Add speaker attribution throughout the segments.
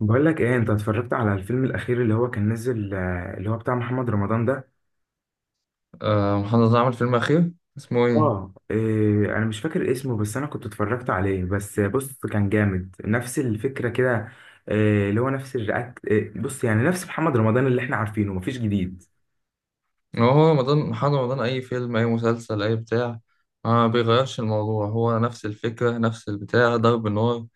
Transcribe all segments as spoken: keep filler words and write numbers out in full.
Speaker 1: بقول لك ايه، انت اتفرجت على الفيلم الاخير اللي هو كان نزل، آه، اللي هو بتاع محمد رمضان ده؟
Speaker 2: آه، محمد رمضان عمل فيلم أخير، اسمه إيه؟
Speaker 1: اه إيه انا مش فاكر اسمه، بس انا كنت اتفرجت عليه. بس بص، كان جامد نفس الفكره كده. إيه اللي هو نفس الرياكت، إيه بص يعني نفس محمد رمضان اللي احنا عارفينه، مفيش جديد.
Speaker 2: هو هو رمضان، محمد رمضان أي فيلم أي مسلسل أي بتاع ما بيغيرش الموضوع، هو نفس الفكرة نفس البتاع ضرب النار.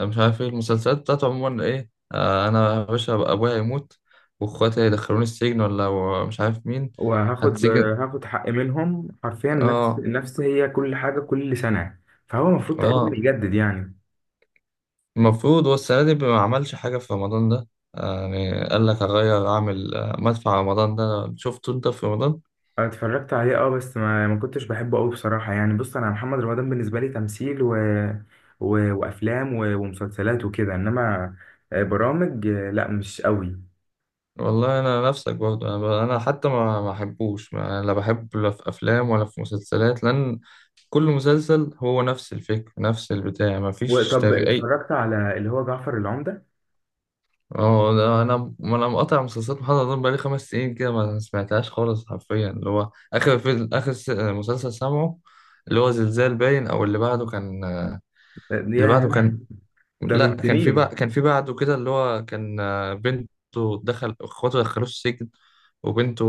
Speaker 2: أنا مش عارف إيه المسلسلات بتاعته عموما، إيه. آه، أنا يا باشا أبقى أبويا يموت وإخواتي هيدخلوني السجن ولا مش عارف مين.
Speaker 1: وهاخد،
Speaker 2: هتسجن.
Speaker 1: آه، هاخد حق منهم حرفيا، نفس
Speaker 2: آه،
Speaker 1: نفس هي كل حاجه، كل سنه. فهو المفروض تقريبا
Speaker 2: آه.
Speaker 1: يجدد يعني.
Speaker 2: المفروض هو السنة دي ما عملش حاجة في رمضان ده. آه، يعني قال لك هغير أعمل آه، مدفع رمضان ده، شفته أنت في رمضان؟
Speaker 1: أنا اتفرجت عليه، اه، بس ما ما كنتش بحبه قوي بصراحة. يعني بص، انا محمد رمضان بالنسبة لي تمثيل و... و... وافلام و... ومسلسلات وكده، انما آه، برامج، آه، لا، مش قوي.
Speaker 2: والله انا نفسك برضه، انا ب- انا حتى ما ما احبوش ما- لا بحب، لا في افلام ولا في مسلسلات، لان كل مسلسل هو نفس الفكر نفس البتاع ما فيش
Speaker 1: وطب،
Speaker 2: تغيير.
Speaker 1: اتفرجت على اللي هو جعفر العمدة؟
Speaker 2: اه، ده انا ما انا مقاطع مسلسلات محمد رمضان بقالي خمس سنين كده، ما سمعتهاش خالص حرفيا. اللي هو اخر فيلم، اخر س- مسلسل سامعه اللي هو زلزال باين، او اللي بعده كان
Speaker 1: آه،
Speaker 2: اللي بعده
Speaker 1: ياه،
Speaker 2: كان،
Speaker 1: ده
Speaker 2: لا،
Speaker 1: من
Speaker 2: كان في
Speaker 1: سنين.
Speaker 2: بقى كان في بعده كده اللي هو كان آه، بنته، دخل اخواته دخلوه السجن وبنته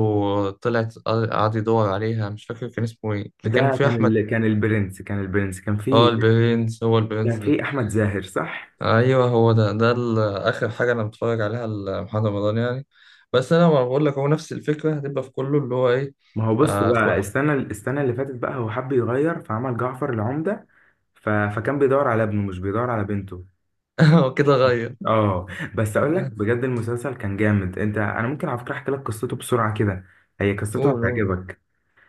Speaker 2: طلعت، قعد قعد يدور عليها، مش فاكر كان اسمه ايه اللي كان
Speaker 1: ده
Speaker 2: فيه
Speaker 1: كان
Speaker 2: احمد.
Speaker 1: ال... كان البرنس كان البرنس، كان
Speaker 2: اه،
Speaker 1: فيه،
Speaker 2: البرنس، هو البرنس
Speaker 1: كان
Speaker 2: ده.
Speaker 1: فيه احمد زاهر، صح؟
Speaker 2: ايوه هو ده، ده ال- اخر حاجه انا متفرج عليها لمحمد رمضان يعني. بس انا، ما بقول لك، هو نفس الفكره هتبقى في كله، اللي هو ايه.
Speaker 1: ما هو، بص
Speaker 2: آه،
Speaker 1: بقى،
Speaker 2: اخو.
Speaker 1: السنة السنة اللي فاتت، بقى هو حب يغير، فعمل جعفر العمدة. ف... فكان بيدور على ابنه، مش بيدور على بنته.
Speaker 2: هو كده غير.
Speaker 1: اه بس اقول لك بجد، المسلسل كان جامد. انت، انا ممكن على فكره احكي لك قصته بسرعه كده، هي قصته
Speaker 2: قول قول.
Speaker 1: هتعجبك.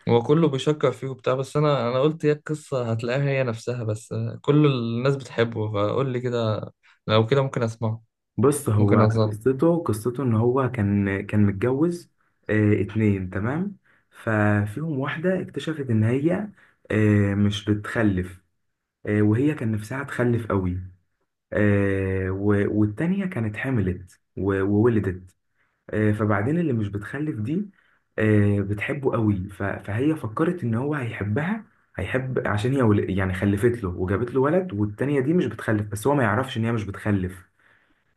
Speaker 2: هو كله بيشكر فيه وبتاع، بس انا انا قلت هي القصه هتلاقيها هي نفسها بس. كل الناس بتحبه، فقول لي كده، لو كده ممكن اسمعه،
Speaker 1: بص، هو
Speaker 2: ممكن اظل.
Speaker 1: قصته قصته ان هو كان كان متجوز. اه، اتنين، تمام. ففيهم واحده اكتشفت ان هي، اه، مش بتخلف. اه، وهي كان نفسها تخلف قوي. اه، و- والتانيه كانت حملت و- وولدت. آه، فبعدين، اللي مش بتخلف دي، آه، بتحبه قوي. ف- فهي فكرت ان هو هيحبها، هيحب عشان هي ول- يعني خلفت له وجابت له ولد. والتانية دي مش بتخلف، بس هو ما يعرفش ان هي مش بتخلف.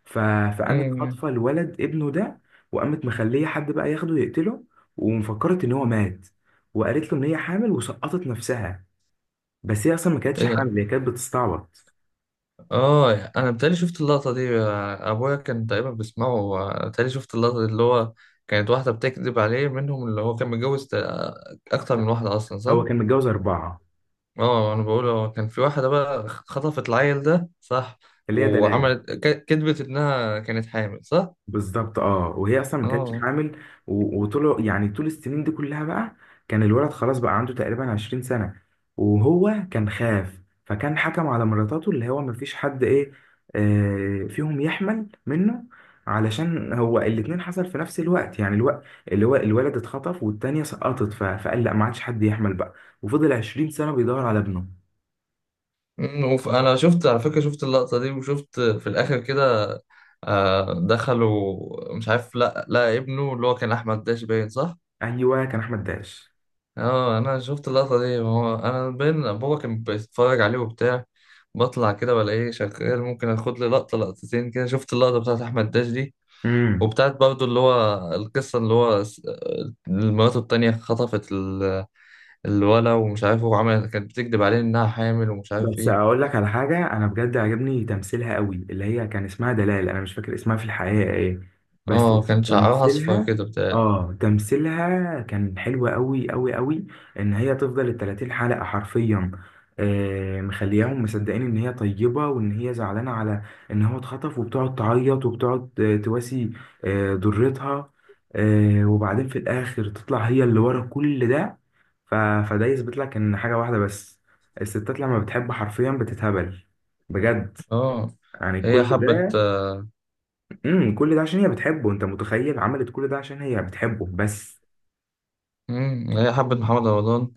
Speaker 1: ف- فقامت
Speaker 2: إيه.
Speaker 1: خاطفة الولد، ابنه ده، وقامت مخليه حد بقى ياخده يقتله، ومفكرت ان هو مات، وقالت له ان هي حامل وسقطت نفسها. بس هي اصلا ما كانتش
Speaker 2: إيه.
Speaker 1: حامل، هي كانت بتستعبط.
Speaker 2: اه، انا بتهيألي شفت اللقطه دي، ابويا كان تقريبا بيسمعه. بتهيألي شفت اللقطه دي اللي هو كانت واحده بتكذب عليه منهم، اللي هو كان متجوز تق- اكتر من واحده اصلا،
Speaker 1: هو
Speaker 2: صح.
Speaker 1: كان متجوز اربعة،
Speaker 2: اه، انا بقول هو كان في واحده بقى خطفت العيل ده، صح،
Speaker 1: اللي هي دلال.
Speaker 2: وعملت ك- كذبت انها كانت حامل، صح.
Speaker 1: بالظبط، اه، وهي اصلا ما كانتش
Speaker 2: اه.
Speaker 1: حامل. و- وطول، يعني طول السنين دي كلها بقى، كان الولد خلاص بقى عنده تقريبا 20 سنة. وهو كان خاف، فكان حكم على مراتاته اللي هو ما فيش حد ايه، آه فيهم يحمل منه. علشان هو الاتنين حصل في نفس الوقت، يعني الوقت اللي هو الولد اتخطف والتانية سقطت. ف- فقال لا، ما عادش حد يحمل بقى. وفضل 20 سنة بيدور على ابنه.
Speaker 2: مم، وف- انا شفت على فكرة، شفت اللقطة دي، وشفت في الاخر كده آه، دخلوا مش عارف، لا لا، ابنه اللي هو كان احمد داش باين، صح.
Speaker 1: ايوه، كان احمد داش.
Speaker 2: اه، انا شفت اللقطة دي، هو انا باين بابا كان بيتفرج عليه وبتاع، بطلع كده بلاقيه شغال، ممكن اخد لي لقطة لقطتين كده، شفت اللقطة بتاعت احمد داش دي، وبتاعت برضو اللي هو القصة، اللي هو س- مراته التانية خطفت ال- الولا، ومش عارف، وعملت كانت بتكذب عليه انها حامل ومش عارف
Speaker 1: بس
Speaker 2: ايه.
Speaker 1: اقول لك على حاجه، انا بجد عجبني تمثيلها قوي اللي هي كان اسمها دلال، انا مش فاكر اسمها في الحقيقه ايه. بس
Speaker 2: اه، كان شعرها اصفر
Speaker 1: تمثيلها،
Speaker 2: كده بتاع.
Speaker 1: اه تمثيلها كان حلو قوي قوي قوي، ان هي تفضل ال 30 حلقه حرفيا، آه مخلياهم مصدقين ان هي طيبه وان هي زعلانه على ان هو اتخطف، وبتقعد تعيط وبتقعد آه، تواسي آه ضرتها. آه وبعدين في الاخر، تطلع هي اللي ورا كل ده. ف... فده يثبت لك ان حاجه واحده بس، الستات لما بتحب حرفيا بتتهبل. بجد،
Speaker 2: اه،
Speaker 1: يعني
Speaker 2: هي
Speaker 1: كل
Speaker 2: حبت.
Speaker 1: ده. امم كل ده عشان هي بتحبه، انت متخيل، عملت كل ده عشان هي بتحبه بس.
Speaker 2: مم. هي حبت محمد رمضان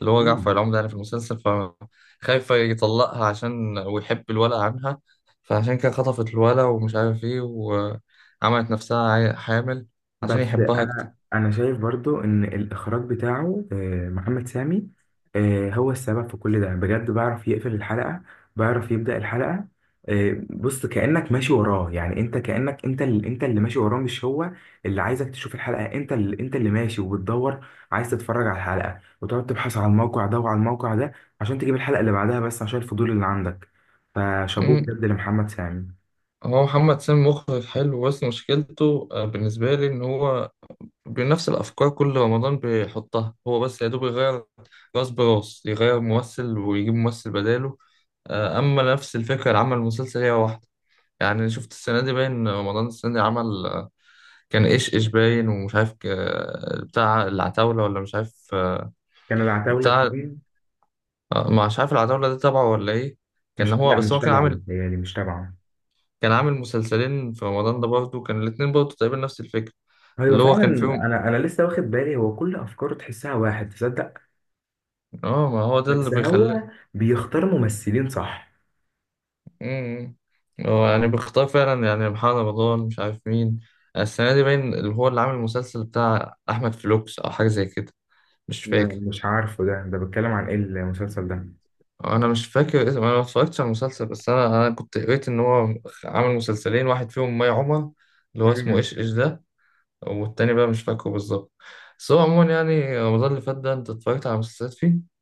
Speaker 2: اللي هو جعفر
Speaker 1: مم.
Speaker 2: العمدة يعني في المسلسل، فخايفة يطلقها عشان ويحب الولد عنها. فعشان كده خطفت الولد، ومش عارف ايه، وعملت نفسها عي- حامل، عشان
Speaker 1: بس
Speaker 2: يحبها أكتر.
Speaker 1: انا انا شايف برضو ان الاخراج بتاعه، آه، محمد سامي، آه، هو السبب في كل ده. بجد بيعرف يقفل الحلقة، بيعرف يبدأ الحلقة. آه، بص، كأنك ماشي وراه. يعني انت كأنك انت اللي انت اللي ماشي وراه، مش هو اللي عايزك تشوف الحلقة. انت اللي انت اللي ماشي وبتدور، عايز تتفرج على الحلقة، وتقعد تبحث على الموقع ده وعلى الموقع ده عشان تجيب الحلقة اللي بعدها، بس عشان الفضول اللي عندك. فشابوه
Speaker 2: مم.
Speaker 1: بجد لمحمد سامي.
Speaker 2: هو محمد سامي مخرج حلو، بس مشكلته آه، بالنسبة لي، إن هو بنفس الأفكار كل رمضان بيحطها، هو بس يا دوب يغير راس براس، يغير ممثل ويجيب ممثل بداله، آه، أما نفس الفكرة اللي عمل المسلسل هي واحدة. يعني شفت السنة دي باين رمضان السنة دي عمل آه، كان إيش إيش باين، ومش عارف آه، بتاع العتاولة، ولا مش عارف آه،
Speaker 1: كان العتاولة
Speaker 2: بتاع،
Speaker 1: اتنين.
Speaker 2: آه، مش عارف العتاولة ده تبعه ولا إيه. كان
Speaker 1: مش
Speaker 2: هو
Speaker 1: لا،
Speaker 2: بس
Speaker 1: مش
Speaker 2: هو كان
Speaker 1: تبعه
Speaker 2: عامل
Speaker 1: بيتهيألي، مش تبعه.
Speaker 2: كان عامل مسلسلين في رمضان ده برضه، كان الاتنين برضه تقريبا نفس الفكرة
Speaker 1: ايوه
Speaker 2: اللي هو
Speaker 1: فعلا.
Speaker 2: كان فيهم.
Speaker 1: انا انا لسه واخد بالي، هو كل افكاره تحسها واحد، تصدق؟
Speaker 2: اه، ما هو ده اللي
Speaker 1: بس هو
Speaker 2: بيخلي.
Speaker 1: بيختار ممثلين، صح؟
Speaker 2: مم. هو يعني بيختار فعلا، يعني محمد رمضان مش عارف مين. السنة دي باين اللي هو اللي عامل المسلسل بتاع أحمد فلوكس أو حاجة زي كده، مش فاكر.
Speaker 1: م- مش عارفه، ده ده بيتكلم عن ايه المسلسل ده؟
Speaker 2: انا مش فاكر اسم، انا ما اتفرجتش على المسلسل، بس انا انا كنت قريت ان هو عامل مسلسلين، واحد فيهم مي عمر، اللي هو اسمه
Speaker 1: مم.
Speaker 2: ايش ايش ده، والتاني بقى مش فاكره بالظبط. بس هو عموما يعني رمضان اللي فات ده، انت اتفرجت على مسلسلات فيه؟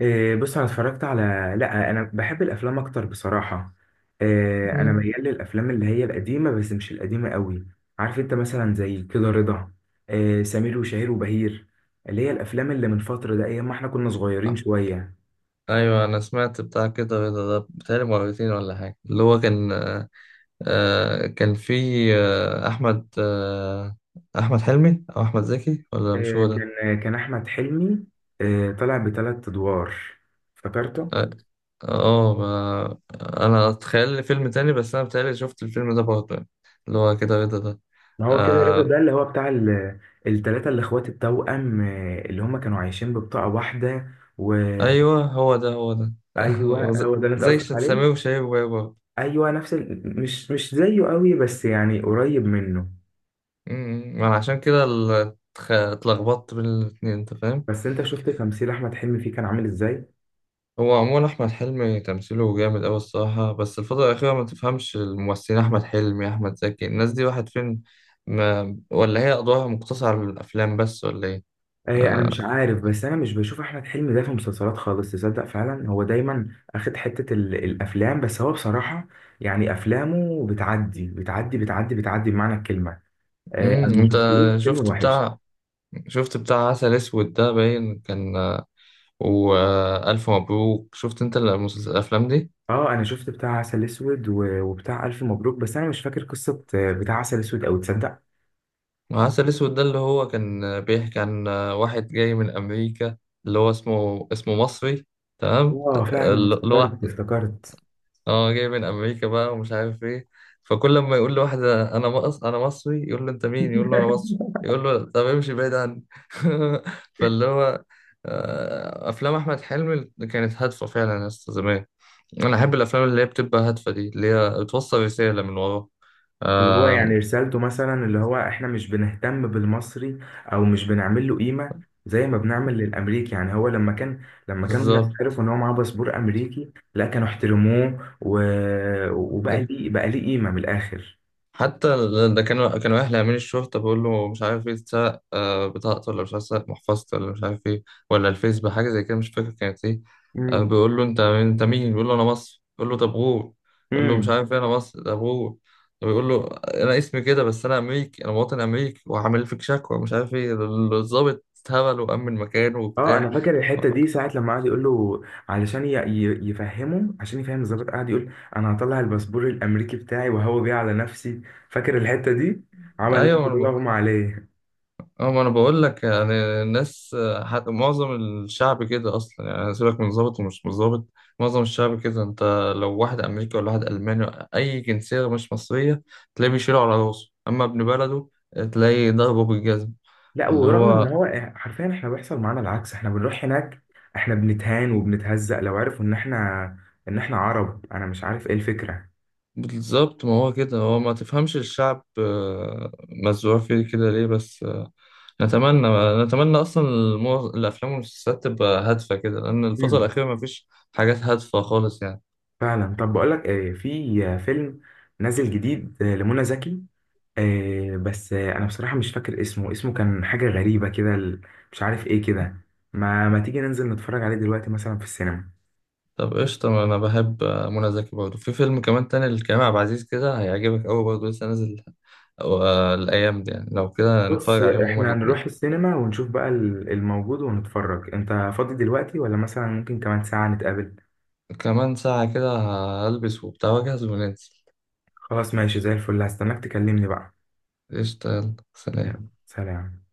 Speaker 1: إيه بص، انا اتفرجت على، لا، انا بحب الافلام اكتر بصراحه. إيه انا
Speaker 2: مم.
Speaker 1: ميال للافلام اللي هي القديمه، بس مش القديمه قوي. عارف انت مثلا زي كده رضا، إيه سمير وشهير وبهير، اللي هي الافلام اللي من فتره، ده ايام ما احنا كنا صغيرين شويه.
Speaker 2: ايوه، انا سمعت بتاع كده رضا ده بتهيألي مرتين ولا حاجه، اللي هو كان آه كان في آه احمد آه احمد حلمي او احمد زكي ولا مش
Speaker 1: آه،
Speaker 2: هو ده.
Speaker 1: كان آه، كان احمد حلمي، آه، طلع بثلاث ادوار، افتكرته.
Speaker 2: اه آه، ما- انا اتخيل لي فيلم تاني، بس انا بتهيألي شفت الفيلم ده برضه يعني، اللي هو كده رضا ده.
Speaker 1: ما هو كده رضا
Speaker 2: آه
Speaker 1: ده، اللي هو بتاع ال- التلاتة الاخوات التوأم، آه، اللي هم كانوا عايشين ببطاقة واحدة. وايوه،
Speaker 2: ايوه، هو ده هو ده. هو
Speaker 1: هو
Speaker 2: زي
Speaker 1: ده اللي انت
Speaker 2: زي ش-
Speaker 1: قصدك عليه.
Speaker 2: سمير وشهير وبهير.
Speaker 1: ايوه، نفس ال... مش مش زيه قوي، بس يعني قريب منه.
Speaker 2: امم ما انا عشان كده ال- اتخ- اتلخبطت بين الاتنين، انت فاهم.
Speaker 1: بس انت شفت تمثيل احمد حلمي فيه كان عامل ازاي؟
Speaker 2: هو عموما احمد حلمي تمثيله جامد اوي الصراحه، بس الفتره الاخيره ما تفهمش الممثلين، احمد حلمي، احمد زكي، الناس دي واحد فين. ما ولا هي ادوارها مقتصره على الافلام بس، ولا ايه؟
Speaker 1: إيه انا
Speaker 2: آه.
Speaker 1: مش عارف، بس انا مش بشوف احمد حلمي ده في مسلسلات خالص، تصدق؟ فعلا هو دايما اخد حتة ال- الافلام بس. هو بصراحة يعني افلامه بتعدي بتعدي بتعدي بتعدي بمعنى الكلمة. إيه انا
Speaker 2: امم
Speaker 1: ما
Speaker 2: انت
Speaker 1: شفتلوش فيلم
Speaker 2: شفت
Speaker 1: وحش.
Speaker 2: بتاع، شفت بتاع عسل اسود ده باين كان، والف مبروك، شفت انت المسلس- الافلام دي؟
Speaker 1: اه، انا شفت بتاع عسل اسود و- وبتاع الف مبروك، بس انا مش فاكر قصة آه، بتاع عسل اسود، او تصدق.
Speaker 2: عسل اسود ده اللي هو كان آه، بيحكي عن آه، واحد جاي من امريكا اللي هو اسمه اسمه مصري، تمام.
Speaker 1: اه فعلا،
Speaker 2: اللي هو
Speaker 1: افتكرت افتكرت.
Speaker 2: اه، جاي من امريكا بقى ومش عارف ايه، فكل لما يقول لواحد انا مص... انا مصري، يقول له انت مين، يقول له انا مصري، يقول له طب امشي بعيد عني. فاللي هو آه، افلام احمد حلمي كانت هادفه فعلا يا اسطى زمان. انا احب الافلام اللي هي بتبقى هادفه دي، اللي هي بتوصل رساله من ورا.
Speaker 1: اللي هو يعني
Speaker 2: آم،
Speaker 1: رسالته، مثلا اللي هو احنا مش بنهتم بالمصري، او مش بنعمل له قيمه زي ما بنعمل للامريكي. يعني هو لما كان، لما كانوا الناس
Speaker 2: بالظبط.
Speaker 1: عرفوا ان هو معاه باسبور امريكي، لا كانوا احترموه و... وبقى ليه، بقى ليه قيمه من الاخر.
Speaker 2: حتى ده كانوا كانوا اهل امين الشرطه، بيقول له مش عارف ايه، اتسرق آه، بطاقته ولا مش عارف، اتسرق محفظته ولا مش عارف ايه، ولا الفيسبوك حاجه زي كده مش فاكر كانت ايه. آه،
Speaker 1: امم
Speaker 2: بيقول له انت مين- انت مين، بيقول له انا مصر، بيقول له طب غور. بيقول له مش
Speaker 1: امم
Speaker 2: عارف ايه انا مصر، طب غور. طب بيقول له انا اسمي كده، بس انا امريكي، انا مواطن امريكي، وهعمل فيك شكوى مش عارف ايه. الضابط اتهبل وامن مكانه
Speaker 1: اه، انا
Speaker 2: وبتاع.
Speaker 1: فاكر الحته دي، ساعه لما قعد يقول له، علشان ي... ي- يفهمه، عشان يفهم الظابط، قعد يقول انا هطلع الباسبور الامريكي بتاعي وهو بيه على نفسي. فاكر الحته دي؟ عمل نفسه
Speaker 2: ايوه.
Speaker 1: بيغمى عليه.
Speaker 2: اه، ما انا بقول لك يعني، الناس، حتى معظم الشعب كده اصلا، يعني سيبك من ظابط ومش مظابط، معظم الشعب كده، انت لو واحد امريكي ولا واحد الماني، اي جنسيه مش مصريه، تلاقيه بيشيله على راسه، اما ابن بلده تلاقيه ضربه بالجزم.
Speaker 1: لا،
Speaker 2: اللي
Speaker 1: ورغم ان
Speaker 2: هو
Speaker 1: هو، حرفيا احنا بيحصل معانا العكس، احنا بنروح هناك، احنا بنتهان وبنتهزق لو عرفوا ان احنا، ان احنا عرب، انا مش عارف ايه الفكرة.
Speaker 2: بالظبط، ما هو كده، هو ما تفهمش الشعب آه، مزروع فيه كده ليه، بس آه، نتمنى، نتمنى اصلا المو- الافلام والمسلسلات تبقى هادفه كده، لان الفتره
Speaker 1: مم.
Speaker 2: الاخيره ما فيش حاجات هادفه خالص يعني.
Speaker 1: فعلا. طب بقول لك ايه، في آه، فيلم نازل جديد آه، لمنى زكي. آه، بس آه، انا بصراحة مش فاكر اسمه، اسمه كان حاجة غريبة كده، ال- مش عارف ايه كده. ما ما تيجي ننزل نتفرج عليه دلوقتي، مثلا في السينما؟
Speaker 2: طب قشطة، ما أنا بحب منى زكي برضه، في فيلم كمان تاني لكريم عبد العزيز كده هيعجبك أوي برضه، لسه نازل أو آه، الأيام دي يعني، لو كده
Speaker 1: بص،
Speaker 2: نتفرج
Speaker 1: آه،
Speaker 2: عليهم هما
Speaker 1: احنا
Speaker 2: الاتنين.
Speaker 1: نروح السينما ونشوف بقى ال- الموجود ونتفرج. انت فاضي دلوقتي، ولا مثلا ممكن كمان ساعة نتقابل؟
Speaker 2: كمان ساعة كده، هلبس وبتاع وأجهز وننزل.
Speaker 1: خلاص، ماشي زي الفل، هستناك تكلمني بقى.
Speaker 2: قشطة، يلا سلام.
Speaker 1: يلا سلام.